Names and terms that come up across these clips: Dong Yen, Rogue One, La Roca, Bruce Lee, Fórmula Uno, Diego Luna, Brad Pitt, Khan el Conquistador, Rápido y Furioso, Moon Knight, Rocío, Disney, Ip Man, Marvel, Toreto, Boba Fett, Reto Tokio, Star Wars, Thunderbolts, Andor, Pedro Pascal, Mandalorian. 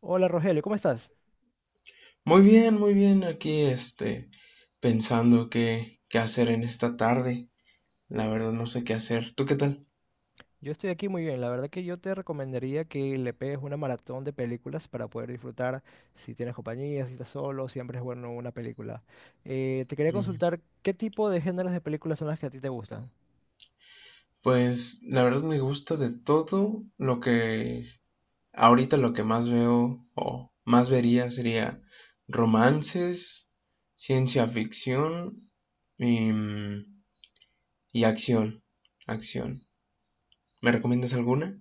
Hola Rogelio, ¿cómo estás? Muy bien, muy bien. Aquí, pensando qué hacer en esta tarde. La verdad no sé qué hacer. ¿Tú qué tal? Yo estoy aquí muy bien. La verdad que yo te recomendaría que le pegues una maratón de películas para poder disfrutar si tienes compañía, si estás solo, siempre es bueno una película. Te quería Mm. consultar qué tipo de géneros de películas son las que a ti te gustan. Pues la verdad me gusta de todo lo que ahorita lo que más veo o más vería sería romances, ciencia ficción y, mm, y acción. Acción. ¿Me recomiendas alguna?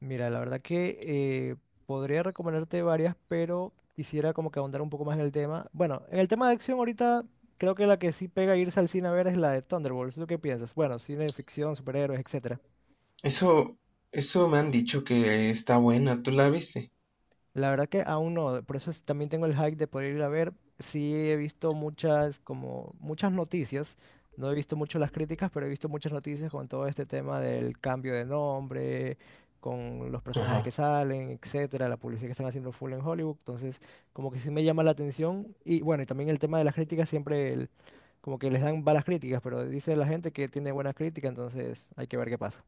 Mira, la verdad que eh, podría recomendarte varias, pero quisiera como que ahondar un poco más en el tema. Bueno, en el tema de acción ahorita creo que la que sí pega irse al cine a ver es la de Thunderbolts. ¿Tú qué piensas? Bueno, cine de ficción, superhéroes, etcétera. Eso, eso me han dicho que está buena. ¿Tú la viste? La verdad que aún no, también tengo el hype de poder ir a ver. Sí he visto muchas, como muchas noticias. No he visto mucho las críticas, pero he visto muchas noticias con todo este tema del cambio de nombre, con los personajes que Ajá. salen, etcétera, la publicidad que están haciendo full en Hollywood. Entonces, como que sí me llama la atención. Y bueno, y también el tema de las críticas, como que les dan malas críticas, pero dice la gente que tiene buenas críticas, entonces hay que ver qué pasa.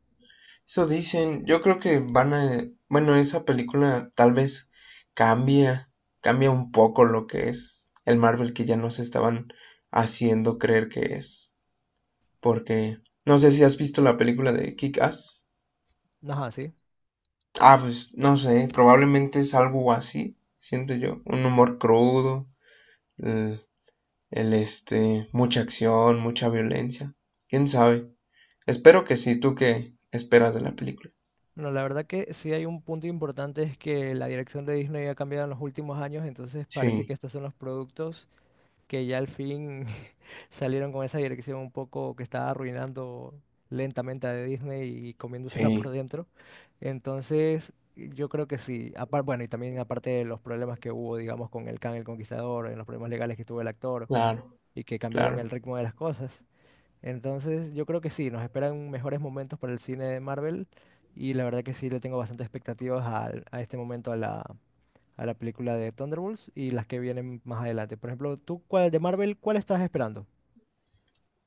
Eso dicen. Yo creo que van a... Bueno, esa película tal vez cambia, cambia un poco lo que es el Marvel que ya nos estaban haciendo creer que es. Porque no sé si has visto la película de Kick-Ass. Ajá, sí. Ah, pues no sé, probablemente es algo así, siento yo. Un humor crudo, el, mucha acción, mucha violencia. ¿Quién sabe? Espero que sí. ¿Tú qué esperas de la película? Bueno, la verdad que sí hay un punto importante es que la dirección de Disney ha cambiado en los últimos años, entonces parece que Sí, estos son los productos que ya al fin salieron con esa dirección un poco que estaba arruinando lentamente a Disney y comiéndosela por sí, dentro. Entonces, yo creo que sí. Bueno, y también aparte de los problemas que hubo, digamos, con el Khan el Conquistador, en los problemas legales que tuvo el actor claro, y que cambiaron claro. el ritmo de las cosas. Entonces, yo creo que sí, nos esperan mejores momentos para el cine de Marvel y la verdad que sí le tengo bastantes expectativas a, este momento a la película de Thunderbolts y las que vienen más adelante. Por ejemplo, tú, ¿cuál de Marvel, cuál estás esperando?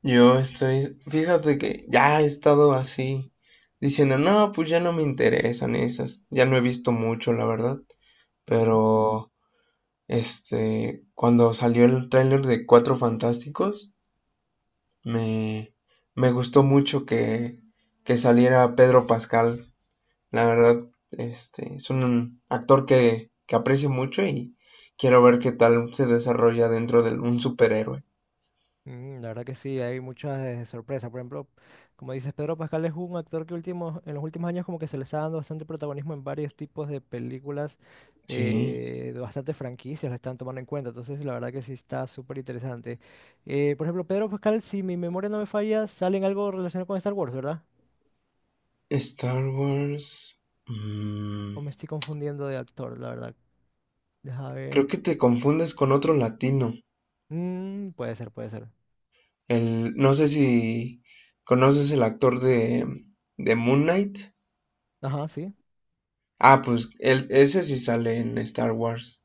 Yo estoy, fíjate que ya he estado así diciendo, no, pues ya no me interesan esas, ya no he visto mucho, la verdad, Ujú. pero cuando salió el tráiler de Cuatro Fantásticos, me, me gustó mucho que saliera Pedro Pascal, la verdad, es un actor que aprecio mucho y quiero ver qué tal se desarrolla dentro de un superhéroe. Mm, la verdad que sí, hay muchas sorpresas. Por ejemplo, como dices, Pedro Pascal es un actor que último, en los últimos años como que se le está dando bastante protagonismo en varios tipos de películas, Sí, de bastantes franquicias la están tomando en cuenta. Entonces, la verdad que sí está súper interesante. Por ejemplo, Pedro Pascal, si mi memoria no me falla, sale en algo relacionado con Star Wars, ¿verdad? Star Wars. O mm, me estoy confundiendo de actor, la verdad. Deja Creo ver. que te confundes con otro latino. Mm, puede ser, puede ser. No sé si conoces el actor de Moon Knight. Ajá, sí. Ah, pues él, ese sí sale en Star Wars.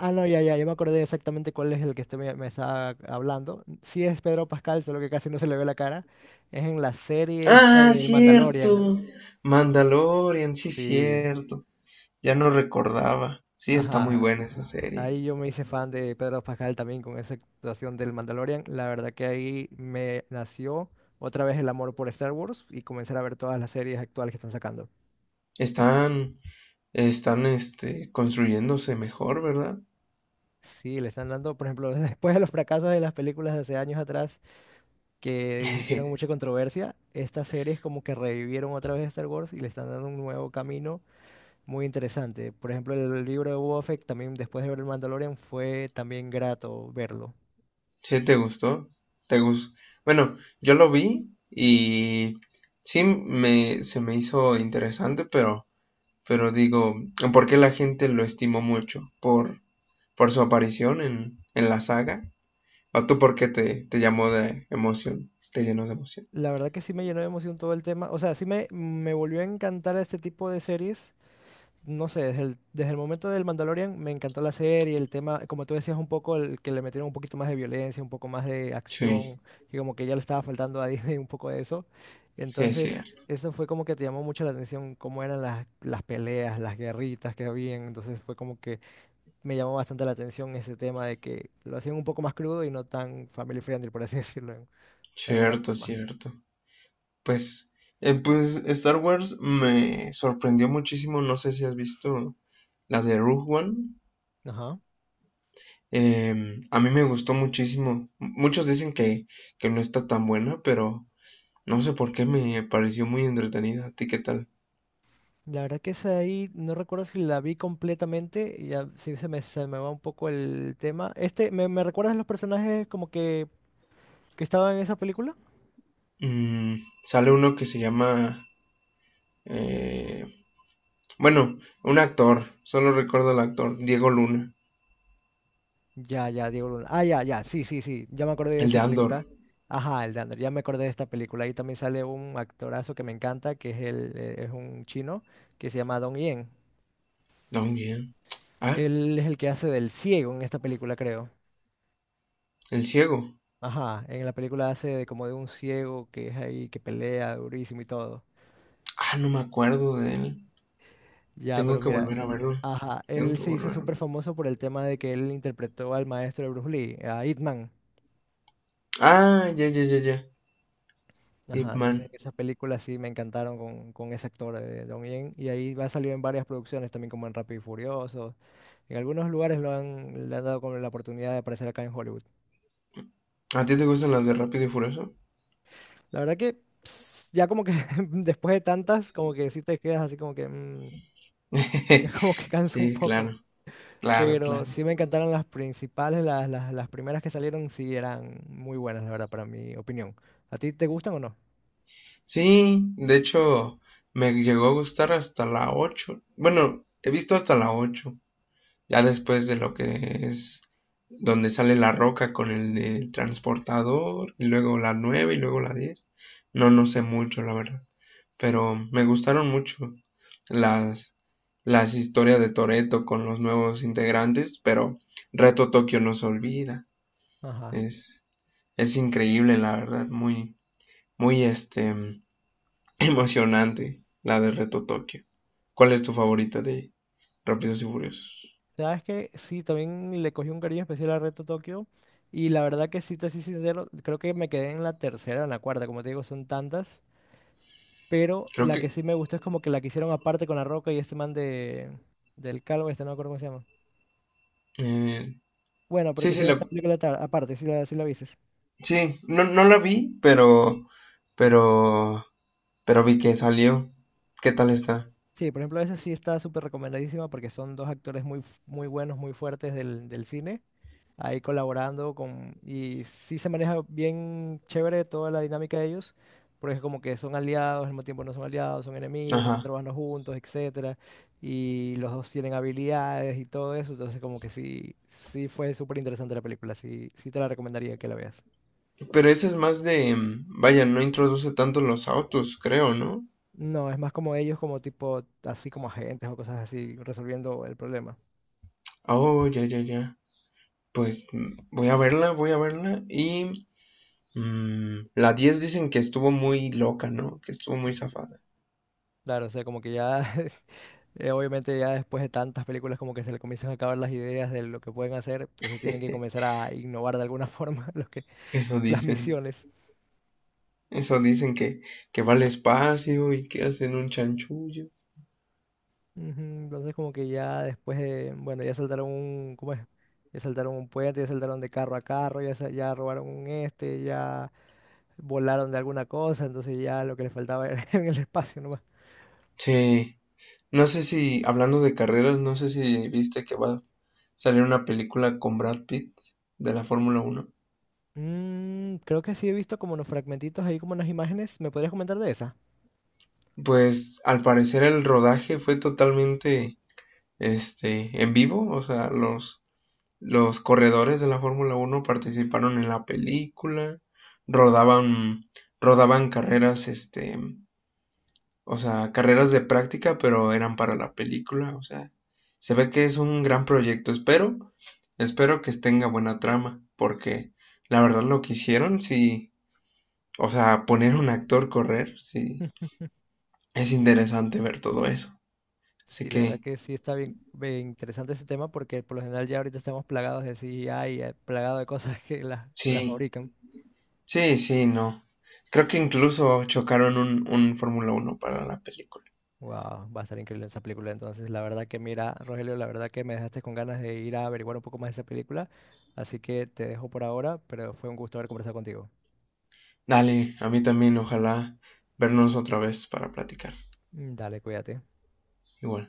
Ah, no, ya, ya, yo me acordé exactamente cuál es el que usted me estaba hablando. Sí es Pedro Pascal, solo que casi no se le ve la cara. Es en la serie esta Ah, del Mandalorian. cierto. Mandalorian, sí, Sí, cierto. Ya no recordaba. Sí, está muy ajá. buena esa serie. Ahí yo me hice fan de Pedro Pascal también con esa actuación del Mandalorian. La verdad que ahí me nació otra vez el amor por Star Wars y comenzar a ver todas las series actuales que están sacando. Están, están construyéndose mejor, ¿verdad? Sí, le están dando, por ejemplo, después de los fracasos de las películas de hace años atrás. Que hicieron mucha controversia, estas series como que revivieron otra vez Star Wars y le están dando un nuevo camino muy interesante. Por ejemplo, el libro de Boba Fett, también después de ver el Mandalorian, fue también grato verlo. ¿Sí te gustó? ¿Te gus- Bueno, yo lo vi y sí se me hizo interesante, pero digo, ¿por qué la gente lo estimó mucho? ¿Por su aparición en la saga? ¿O tú por qué te llamó de emoción? ¿Te llenó de emoción? La verdad que sí me llenó de emoción todo el tema. O sea, me volvió a encantar este tipo de series no sé, desde el momento del Mandalorian me encantó la serie, el tema, como tú decías, un poco el que le metieron un poquito más de violencia, un poco más de Sí, acción, que como que ya le estaba faltando a Disney un poco de eso. sí, es Entonces, cierto, eso fue como que te llamó mucho la atención, cómo eran las peleas, las guerritas que habían. Entonces fue como que me llamó bastante la atención ese tema de que lo hacían un poco más crudo y no tan family friendly, por así decirlo, de alguna cierto, forma. cierto. Pues, pues Star Wars me sorprendió muchísimo. No sé si has visto la de Rogue One. Ajá. A mí me gustó muchísimo. Muchos dicen que no está tan buena, pero no sé por qué me pareció muy entretenida. ¿A ti qué tal? La verdad que esa de ahí, no recuerdo si la vi completamente, ya sí se me va un poco el tema. Este, me recuerdas los personajes que estaban en esa película? Mm, sale uno que se llama... eh, bueno, un actor. Solo recuerdo al actor. Diego Luna. Ya, ya, Diego Luna. Ah, ya, ya, sí, sí, sí, ya me acordé de El de esa Andor. película. Ajá, el Dander, ya me acordé de esta película. Ahí también sale un actorazo que me encanta, que es, el, es un chino, que se llama Dong Yen. También. Ah, Él es el que hace del ciego en esta película, creo. el ciego. Ajá, en la película hace de como de un ciego que es ahí, que pelea durísimo y todo. Ah, no me acuerdo de él. Ya, Tengo pero que mira, volver a verlo. ajá, Tengo él que se hizo volver. a- verlo. súper famoso por el tema de que él interpretó al maestro de Bruce Lee, a Ip Man. Ah, ya, ya, ya, ya. Ip Ajá, entonces Man. esas películas sí me encantaron con ese actor de Don Yen. Y ahí va a salir en varias producciones también, como en Rápido y Furioso. En algunos lugares lo han, le han dado como la oportunidad de aparecer acá en Hollywood. ¿A ti te gustan las de Rápido y Furioso? La verdad que ps, ya como que después de tantas, como que sí te quedas así como que mm, ya como que cansa un Sí, poco. claro. Claro, Pero claro. sí me encantaron las principales, las primeras que salieron sí eran muy buenas, la verdad, para mi opinión. ¿A ti te gustan o no? Sí, de hecho, me llegó a gustar hasta la 8. Bueno, he visto hasta la 8. Ya después de lo que es donde sale la roca con del transportador, y luego la 9 y luego la diez. No, no sé mucho, la verdad. Pero me gustaron mucho las, las historias de Toreto con los nuevos integrantes, pero Reto Tokio no se olvida. Ajá. Es, es increíble, la verdad. Muy, muy emocionante la de Reto Tokio. ¿Cuál es tu favorita de Rápidos y Furiosos? Sabes que sí, también le cogí un cariño especial a Reto Tokio. Y la verdad que sí, te soy sincero, creo que me quedé en la tercera o en la cuarta, como te digo, son tantas. Pero Creo la que que sí me gustó es como que la que hicieron aparte con La Roca y este man de, del Calvo, este no me acuerdo cómo se llama. eh, Bueno, pero sí, que sí hicieron una película aparte, sí la viste. No, no la vi, pero pero vi que salió. ¿Qué tal está? Sí, por ejemplo, esa sí está súper recomendadísima porque son dos actores muy, muy buenos, muy fuertes del cine, ahí colaborando con... Y sí se maneja bien chévere toda la dinámica de ellos, porque es como que son aliados, al mismo tiempo no son aliados, son enemigos, que están Ajá. trabajando juntos, etcétera, y los dos tienen habilidades y todo eso, entonces como que sí, sí fue súper interesante la película, sí, sí te la recomendaría que la veas. Pero esa es más de vaya, no introduce tanto los autos, creo, ¿no? No, es más como ellos como tipo, así como agentes o cosas así, resolviendo el problema. Oh, ya, ya, ya. Pues voy a verla y la 10 dicen que estuvo muy loca, ¿no? Que estuvo muy zafada. Claro, o sea, como que ya obviamente ya después de tantas películas como que se le comienzan a acabar las ideas de lo que pueden hacer, entonces tienen que comenzar a innovar de alguna forma los que, Eso las dicen. misiones. Eso dicen que va al espacio y que hacen un chanchullo. Ujú, entonces como que ya después de, bueno, ya saltaron un, ¿cómo es? Ya saltaron un puente, ya saltaron de carro a carro, ya, ya robaron un este, ya volaron de alguna cosa, entonces ya lo que les faltaba era en el espacio nomás. Sí, no sé si, hablando de carreras, no sé si viste que va a salir una película con Brad Pitt de la Fórmula Uno. Mm, creo que sí he visto como unos fragmentitos ahí, como unas imágenes. ¿Me podrías comentar de esa? Pues al parecer el rodaje fue totalmente en vivo, o sea, los corredores de la Fórmula Uno participaron en la película, rodaban, rodaban carreras o sea, carreras de práctica, pero eran para la película. O sea, se ve que es un gran proyecto. Espero que tenga buena trama, porque la verdad lo que hicieron, sí, o sea, poner un actor correr, sí, es interesante ver todo eso. Así Sí, la verdad que, que sí está bien, bien interesante ese tema porque por lo general ya ahorita estamos plagados de CGI, plagados de cosas que las sí, fabrican. sí, sí, no. Creo que incluso chocaron un Fórmula uno para la película. Wow, va a estar increíble esa película. Entonces, la verdad que mira, Rogelio, la verdad que me dejaste con ganas de ir a averiguar un poco más de esa película. Así que te dejo por ahora, pero fue un gusto haber conversado contigo. Dale, a mí también, ojalá vernos otra vez para platicar. Mm, dale, cuídate. Igual.